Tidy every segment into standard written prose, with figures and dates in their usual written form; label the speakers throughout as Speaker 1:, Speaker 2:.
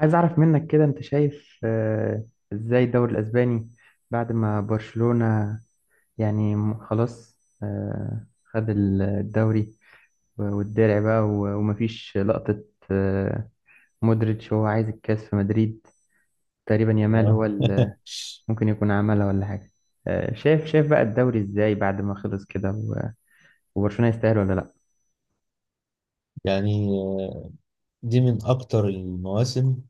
Speaker 1: عايز اعرف منك كده انت شايف ازاي الدوري الاسباني بعد ما برشلونة يعني خلاص خد الدوري والدرع بقى ومفيش لقطة آه، مودريتش هو عايز الكاس في مدريد. تقريبا يامال هو
Speaker 2: آه.
Speaker 1: اللي ممكن يكون عملها ولا حاجة. شايف، بقى الدوري ازاي بعد ما خلص كده؟ وبرشلونة يستاهل ولا لا؟
Speaker 2: يعني آه، دي من أكتر المواسم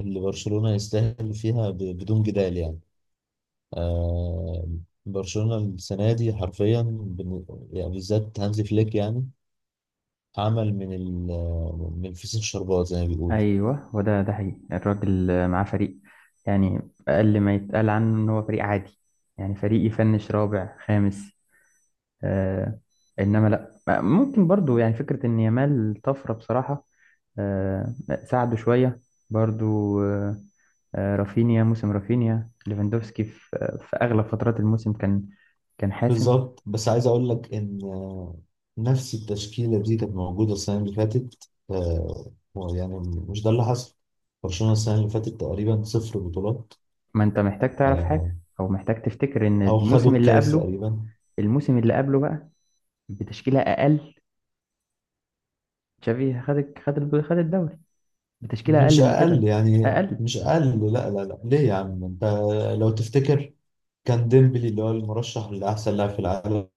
Speaker 2: اللي برشلونة يستاهل فيها بدون جدال يعني. آه، برشلونة السنة دي حرفيا بالذات هانزي فليك يعني عمل من الفسيخ شربات زي ما بيقول.
Speaker 1: ايوه، هو ده حقيقي، الراجل معاه فريق يعني اقل ما يتقال عنه ان هو فريق عادي، يعني فريق يفنش رابع خامس. آه، انما لا، ممكن برضو يعني فكره ان يامال طفره بصراحه. آه، ساعده شويه برضو. آه، رافينيا، موسم رافينيا ليفاندوفسكي في اغلب فترات الموسم كان، حاسم.
Speaker 2: بالظبط، بس عايز أقول لك إن نفس التشكيلة دي كانت موجودة السنة اللي فاتت، آه، يعني مش ده اللي حصل. برشلونة السنة اللي فاتت تقريبا صفر بطولات،
Speaker 1: ما انت محتاج تعرف
Speaker 2: آه،
Speaker 1: حاجه او محتاج تفتكر ان
Speaker 2: أو خدوا
Speaker 1: الموسم اللي
Speaker 2: الكاس
Speaker 1: قبله،
Speaker 2: تقريبا.
Speaker 1: بقى بتشكيله اقل. تشافي خد الدوري بتشكيلة
Speaker 2: مش
Speaker 1: أقل من
Speaker 2: اقل
Speaker 1: كده.
Speaker 2: يعني
Speaker 1: أقل.
Speaker 2: مش اقل، لا لا لا ليه يا عم انت؟ لو تفتكر، كان ديمبلي اللي هو المرشح لاحسن لاعب في العالم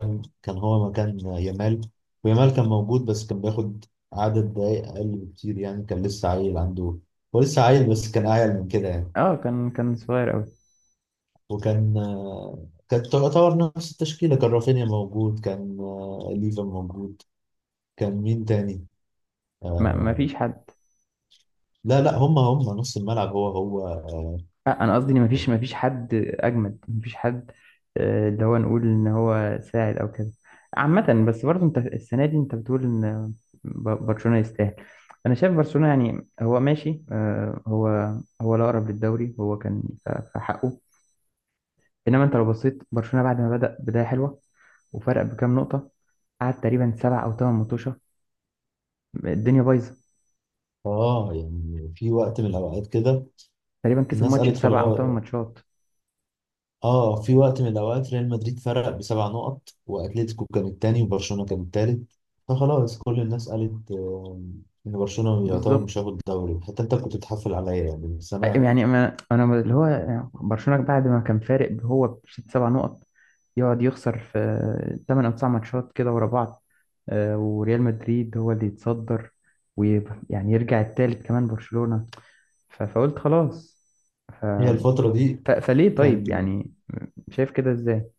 Speaker 2: كان هو مكان يامال، ويامال كان موجود بس كان بياخد عدد دقايق اقل بكتير، يعني كان لسه عيل عنده. هو لسه عيل بس كان اعيل من كده يعني.
Speaker 1: أه، كان، صغير أوي.
Speaker 2: وكان كانت تعتبر نفس التشكيله، كان رافينيا موجود، كان ليفا موجود. كان مين تاني؟
Speaker 1: ما
Speaker 2: آه،
Speaker 1: فيش حد.
Speaker 2: لا لا، هم نص الملعب، هو هو.
Speaker 1: أه، أنا قصدي إن ما فيش، حد أجمد، ما فيش حد اللي هو نقول إن هو ساعد أو كده. عامة بس برضه أنت السنة دي أنت بتقول إن برشلونة يستاهل. أنا شايف برشلونة يعني هو ماشي، هو لا، أقرب للدوري، هو كان في حقه. إنما أنت لو بصيت برشلونة بعد ما بدأ بداية حلوة وفرق بكام نقطة، قعد تقريبا سبع أو ثمان ماتشات الدنيا بايظه،
Speaker 2: اه يعني في وقت من الاوقات كده
Speaker 1: تقريبا كسب
Speaker 2: الناس
Speaker 1: ماتش في
Speaker 2: قالت خلاص.
Speaker 1: سبع او ثمان ماتشات.
Speaker 2: اه في وقت من الاوقات ريال مدريد فرق بسبع نقط واتلتيكو كان التاني وبرشلونه كان التالت. فخلاص كل الناس قالت ان برشلونه يعتبر مش
Speaker 1: بالظبط.
Speaker 2: هياخد الدوري، حتى انت كنت بتحفل عليا يعني، بس انا.
Speaker 1: يعني انا، اللي هو برشلونه بعد ما كان فارق هو بست سبع نقط، يقعد يخسر في ثمان او تسع ماتشات كده ورا بعض، وريال مدريد هو اللي يتصدر، ويعني يرجع التالت كمان برشلونه. فقلت خلاص. ف...
Speaker 2: هي الفتره دي
Speaker 1: فليه طيب
Speaker 2: كان
Speaker 1: يعني؟ شايف كده ازاي؟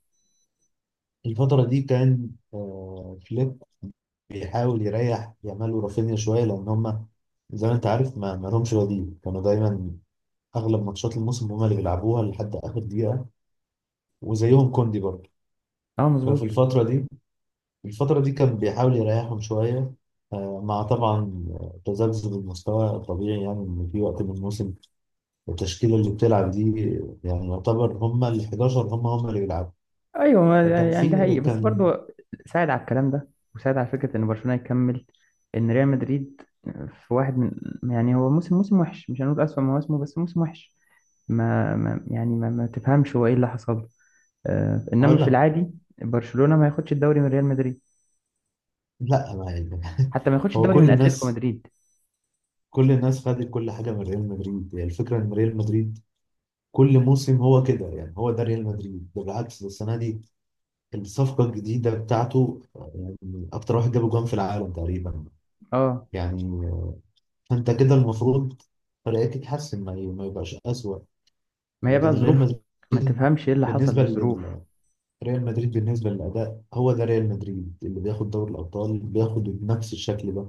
Speaker 2: الفتره دي كان فليب بيحاول يريح يامال ورافينيا شويه، لان هم زي ما انت عارف ما لهمش بديل، كانوا دايما اغلب ماتشات الموسم هم اللي بيلعبوها لحد اخر دقيقه، وزيهم كوندي برضه.
Speaker 1: اه،
Speaker 2: ففي
Speaker 1: مظبوط.
Speaker 2: الفترة دي الفترة دي كان بيحاول يريحهم شوية، مع طبعا تذبذب المستوى الطبيعي، يعني إن في وقت من الموسم التشكيلة اللي بتلعب دي يعني يعتبر هما ال 11، هما هما اللي بيلعبوا.
Speaker 1: ايوه،
Speaker 2: فكان
Speaker 1: يعني ده
Speaker 2: في
Speaker 1: حقيقي بس
Speaker 2: كان
Speaker 1: برضه ساعد على الكلام ده، وساعد على فكره ان برشلونه يكمل. ان ريال مدريد في واحد من، يعني هو موسم، وحش، مش هنقول اسوأ مواسمه بس موسم وحش. ما, ما يعني ما, ما تفهمش هو ايه اللي حصل له. آه، انما
Speaker 2: هقول
Speaker 1: في
Speaker 2: لك،
Speaker 1: العادي برشلونه ما ياخدش الدوري من ريال مدريد،
Speaker 2: لا ما يعني.
Speaker 1: حتى ما ياخدش
Speaker 2: هو
Speaker 1: الدوري من
Speaker 2: كل
Speaker 1: اتلتيكو
Speaker 2: الناس،
Speaker 1: مدريد.
Speaker 2: كل الناس خدت كل حاجة من ريال مدريد، يعني الفكرة إن ريال مدريد كل موسم هو كده، يعني هو ده ريال مدريد. ده بالعكس، ده السنة دي الصفقة الجديدة بتاعته أكتر واحد جاب جوان في العالم تقريبا،
Speaker 1: اه،
Speaker 2: يعني انت كده المفروض فرقتك تتحسن، ما يبقاش اسوأ.
Speaker 1: ما هي بقى
Speaker 2: لكن ريال
Speaker 1: ظروف، ما
Speaker 2: مدريد
Speaker 1: تفهمش ايه اللي حصل
Speaker 2: بالنسبه
Speaker 1: للظروف.
Speaker 2: لل، ريال مدريد بالنسبه للاداء، هو ده ريال مدريد اللي بياخد دوري الابطال، بياخد بنفس الشكل ده.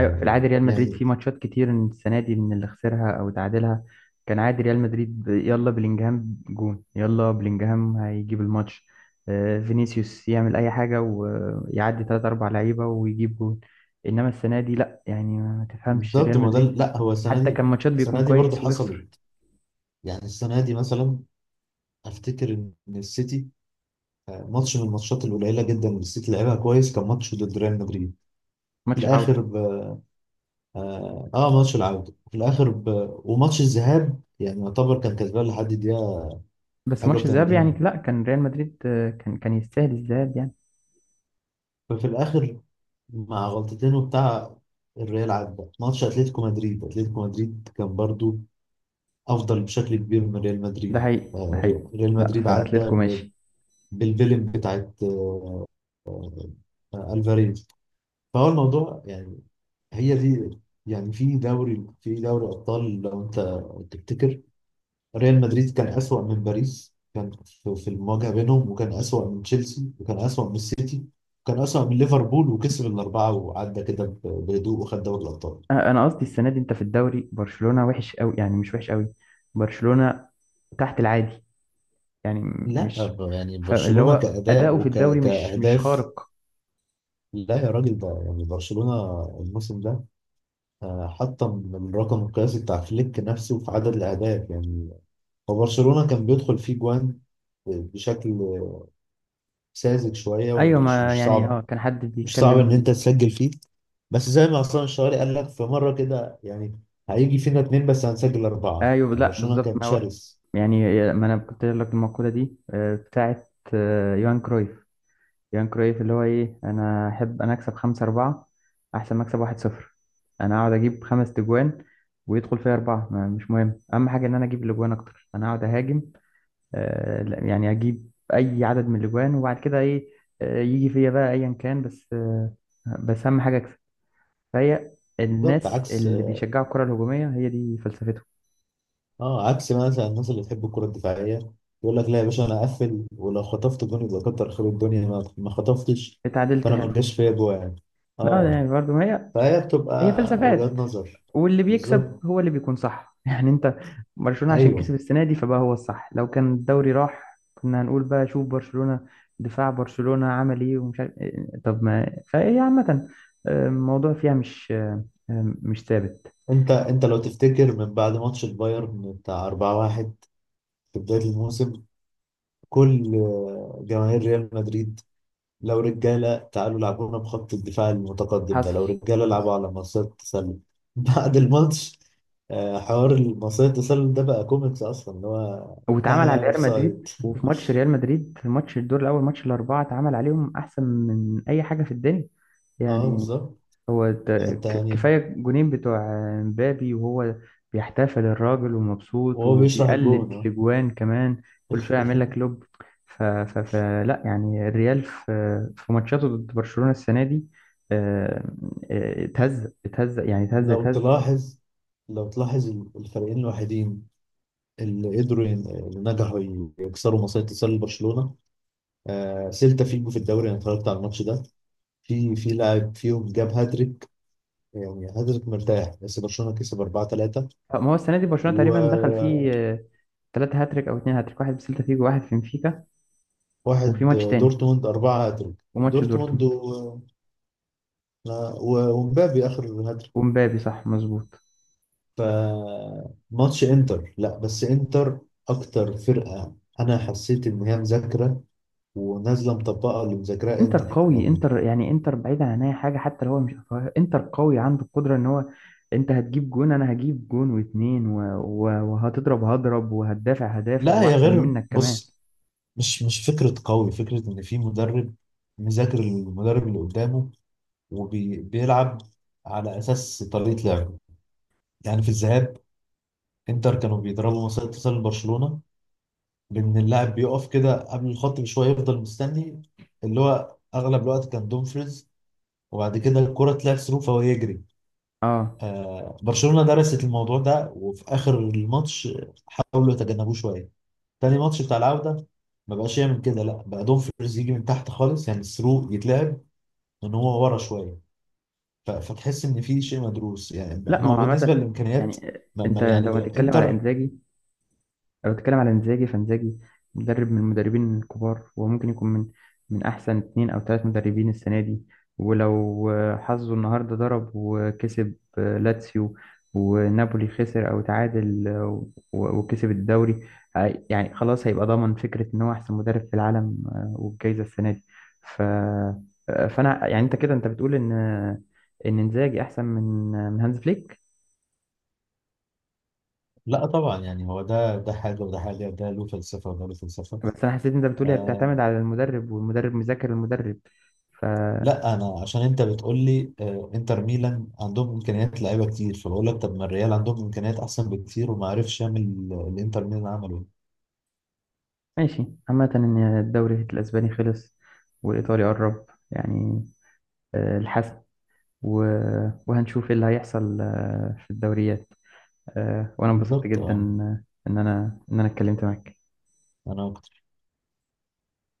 Speaker 1: ايوه، في العادي ريال مدريد
Speaker 2: يعني
Speaker 1: في ماتشات كتير السنه دي من اللي خسرها او تعادلها كان عادي. ريال مدريد يلا بلينجهام جون، يلا بلينجهام هيجيب الماتش، فينيسيوس يعمل اي حاجه ويعدي ثلاثة اربع لعيبه ويجيب جون. انما السنه دي لا، يعني ما تفهمش
Speaker 2: بالظبط.
Speaker 1: ريال
Speaker 2: ما ده
Speaker 1: مدريد،
Speaker 2: لا، هو السنه
Speaker 1: حتى
Speaker 2: دي،
Speaker 1: كان ماتشات بيكون
Speaker 2: السنه دي برضه
Speaker 1: كويس ويخسر.
Speaker 2: حصلت، يعني السنه دي مثلا افتكر ان السيتي، ماتش من الماتشات القليله جدا اللي السيتي لعبها كويس كان ماتش ضد ريال مدريد في
Speaker 1: ماتش
Speaker 2: الاخر.
Speaker 1: العوده.
Speaker 2: اه ماتش العودة في الآخر ب... وماتش الذهاب يعني يعتبر كان كسبان لحد الدقيقة
Speaker 1: بس
Speaker 2: حاجة
Speaker 1: ماتش الذهاب
Speaker 2: و80.
Speaker 1: يعني لا، كان ريال مدريد كان، يستاهل الذهاب يعني.
Speaker 2: ففي الآخر مع غلطتين وبتاع، الريال عدى. ماتش أتلتيكو مدريد، أتلتيكو مدريد كان برضو أفضل بشكل كبير من ريال
Speaker 1: ده
Speaker 2: مدريد.
Speaker 1: حقيقي، ده
Speaker 2: آه،
Speaker 1: حقيقي.
Speaker 2: ريال ريال
Speaker 1: لا،
Speaker 2: مدريد
Speaker 1: في
Speaker 2: عدى
Speaker 1: اتلتيكو
Speaker 2: ب...
Speaker 1: ماشي.
Speaker 2: بالفيلم بتاعت ألفاريز. فهو الموضوع يعني، هي دي. يعني في دوري، في دوري أبطال لو أنت تفتكر، ريال مدريد كان أسوأ من باريس كان في في المواجهة بينهم، وكان أسوأ من تشيلسي، وكان أسوأ من السيتي، وكان أسوأ من ليفربول، وكسب الأربعة وعدى كده بهدوء وخد دوري الأبطال.
Speaker 1: انا قصدي السنه دي انت في الدوري برشلونه وحش قوي، يعني مش وحش قوي، برشلونه تحت العادي يعني،
Speaker 2: لا
Speaker 1: مش،
Speaker 2: يعني
Speaker 1: فاللي
Speaker 2: برشلونة
Speaker 1: هو
Speaker 2: كأداء
Speaker 1: اداؤه في الدوري مش،
Speaker 2: وكأهداف،
Speaker 1: خارق.
Speaker 2: لا يا راجل، ده يعني برشلونة الموسم ده حطم الرقم القياسي بتاع فليك نفسه في عدد الأهداف. يعني هو برشلونة كان بيدخل فيه جوان بشكل ساذج شوية،
Speaker 1: ايوه،
Speaker 2: ومش
Speaker 1: ما
Speaker 2: مش
Speaker 1: يعني اه
Speaker 2: صعب
Speaker 1: كان حد
Speaker 2: مش صعب ان انت
Speaker 1: بيتكلم.
Speaker 2: تسجل فيه. بس زي ما عصام الشوالي قال لك في مره كده، يعني هيجي فينا اتنين بس هنسجل اربعه،
Speaker 1: ايوه
Speaker 2: يعني
Speaker 1: لا
Speaker 2: برشلونه
Speaker 1: بالظبط،
Speaker 2: كان
Speaker 1: ما هو
Speaker 2: شرس.
Speaker 1: يعني ما انا كنت قايل لك المقوله دي بتاعت يوهان كرويف. يوهان كرويف اللي هو ايه، انا احب انا اكسب 5-4 احسن ما اكسب 1-0. انا اقعد اجيب خمس تجوان ويدخل فيها اربعه، مش مهم، اهم حاجه ان انا اجيب الاجوان اكتر، انا اقعد اهاجم. لا، يعني اجيب اي عدد من الاجوان، وبعد كده ايه، يجي فيا بقى ايا كان، بس بس اهم حاجه اكسب. فهي
Speaker 2: بالظبط،
Speaker 1: الناس
Speaker 2: عكس،
Speaker 1: اللي بيشجعوا الكره الهجوميه هي دي فلسفتهم.
Speaker 2: اه عكس مثلا الناس اللي بتحب الكره الدفاعيه، يقول لك لا يا باشا انا اقفل، ولو خطفت جون يبقى كتر خير الدنيا، ما خطفتش.
Speaker 1: اتعادلت
Speaker 2: فانا ما
Speaker 1: حلو.
Speaker 2: جاش فيا جوه يعني.
Speaker 1: لا
Speaker 2: اه
Speaker 1: يعني برضه ما هي،
Speaker 2: فهي
Speaker 1: هي
Speaker 2: بتبقى وجهات
Speaker 1: فلسفات.
Speaker 2: نظر.
Speaker 1: واللي بيكسب
Speaker 2: بالظبط.
Speaker 1: هو اللي بيكون صح يعني. انت برشلونه عشان
Speaker 2: ايوه
Speaker 1: كسب السنه دي فبقى هو الصح. لو كان الدوري راح كنا هنقول بقى شوف برشلونه، دفاع برشلونه عمل ايه ومش عارف إيه. طب ما فهي عامه، الموضوع فيها مش مش ثابت.
Speaker 2: انت، انت لو تفتكر من بعد ماتش البايرن بتاع 4-1 في بدايه الموسم، كل جماهير ريال مدريد: لو رجاله تعالوا لعبونا بخط الدفاع المتقدم ده،
Speaker 1: حصل،
Speaker 2: لو رجاله
Speaker 1: حصل،
Speaker 2: لعبوا على مصيدة التسلل. بعد الماتش حوار مصيدة التسلل ده بقى كوميكس اصلا، اللي هو
Speaker 1: واتعمل على
Speaker 2: ها، اوف
Speaker 1: ريال مدريد.
Speaker 2: سايد.
Speaker 1: وفي ماتش ريال مدريد، في ماتش الدور الاول، ماتش الاربعه، اتعمل عليهم احسن من اي حاجه في الدنيا
Speaker 2: اه
Speaker 1: يعني.
Speaker 2: بالظبط.
Speaker 1: هو
Speaker 2: حتى يعني،
Speaker 1: كفايه جونين بتوع مبابي، وهو بيحتفل الراجل ومبسوط
Speaker 2: وهو بيشرح الجون
Speaker 1: وبيقلد
Speaker 2: اه.
Speaker 1: لجوان كمان، كل شويه يعمل لك لوب. ف ف فلا يعني الريال في ماتشاته ضد برشلونه السنه دي، آه، اتهزق اتهزق يعني اتهزق
Speaker 2: لو
Speaker 1: اتهزق.
Speaker 2: تلاحظ، لو تلاحظ، الفريقين الوحيدين اللي اللي نجحوا يكسروا مصيدة تسلل برشلونة: آه سيلتا فيجو في الدوري. انا اتفرجت على الماتش ده، في في لاعب فيهم جاب هاتريك، يعني هاتريك مرتاح، بس برشلونة كسب 4-3.
Speaker 1: ما هو السنه دي برشلونه تقريبا دخل فيه
Speaker 2: وواحد
Speaker 1: ثلاثة هاتريك أو اتنين هاتريك، واحد بسيلتا فيجو، واحد في بنفيكا، وفي ماتش تاني
Speaker 2: دورتموند، 4 هاتريك
Speaker 1: وماتش
Speaker 2: دورتموند
Speaker 1: دورتموند
Speaker 2: ومبابي اخر هاتريك.
Speaker 1: ومبابي. صح مظبوط.
Speaker 2: فماتش انتر، لا بس انتر اكتر فرقة انا حسيت ان هي مذاكرة ونازلة مطبقة اللي مذاكراه
Speaker 1: انتر
Speaker 2: انتر
Speaker 1: قوي.
Speaker 2: يعني.
Speaker 1: انتر يعني، انتر بعيدا عن اي حاجه، حتى لو هو مش أفواه، انتر قوي عنده القدره ان هو انت هتجيب جون انا هجيب جون واتنين وهتضرب هضرب وهتدافع هدافع
Speaker 2: لا هي
Speaker 1: واحسن
Speaker 2: غير،
Speaker 1: منك كمان.
Speaker 2: بص، مش مش فكرة قوي، فكرة ان في مدرب مذاكر المدرب اللي قدامه، وبيلعب على اساس طريقه لعبه. يعني في الذهاب انتر كانوا بيضربوا مسار اتصال لبرشلونه، بان اللاعب بيقف كده قبل الخط بشويه يفضل مستني، اللي هو اغلب الوقت كان دومفريز، وبعد كده الكره تلعب ثرو فهو يجري.
Speaker 1: اه
Speaker 2: آه برشلونه درست الموضوع ده، وفي اخر الماتش حاولوا يتجنبوه شويه. تاني ماتش بتاع العوده ما بقاش يعمل كده، لا بقى دومفريز يجي من تحت خالص، يعني الثرو يتلعب ان هو ورا شويه. فتحس ان في شيء مدروس، يعني
Speaker 1: لا،
Speaker 2: ما
Speaker 1: ما
Speaker 2: هو
Speaker 1: هو
Speaker 2: بالنسبه
Speaker 1: عامه
Speaker 2: للامكانيات.
Speaker 1: يعني انت لو
Speaker 2: يعني
Speaker 1: هتتكلم على
Speaker 2: انتر،
Speaker 1: انزاجي، لو بتتكلم على انزاجي فانزاجي مدرب من المدربين الكبار، وممكن يكون من احسن اتنين او تلات مدربين السنه دي. ولو حظه النهارده ضرب وكسب لاتسيو، ونابولي خسر او تعادل، وكسب الدوري، يعني خلاص هيبقى ضامن فكره ان هو احسن مدرب في العالم والجايزه السنه دي. ف آه، فانا يعني انت كده انت بتقول ان ان انزاجي احسن من من هانز فليك.
Speaker 2: لا طبعا يعني هو ده حاجه وده حاجه، ده له فلسفه وده له فلسفه.
Speaker 1: بس انا حسيت إن انت بتقولي هي
Speaker 2: آه
Speaker 1: بتعتمد على المدرب والمدرب مذاكر المدرب. ف
Speaker 2: لا انا عشان انت بتقول لي آه انتر ميلان عندهم امكانيات لعيبه كتير، فبقول لك طب ما الريال عندهم امكانيات احسن بكتير، وما عرفش يعمل اللي انتر ميلان عمله.
Speaker 1: ماشي. عامة ان الدوري الاسباني خلص والايطالي قرب يعني الحسم، و... وهنشوف ايه اللي هيحصل في الدوريات. وانا انبسطت
Speaker 2: بالظبط
Speaker 1: جدا
Speaker 2: اه
Speaker 1: آه، ان انا، اتكلمت معاك
Speaker 2: انا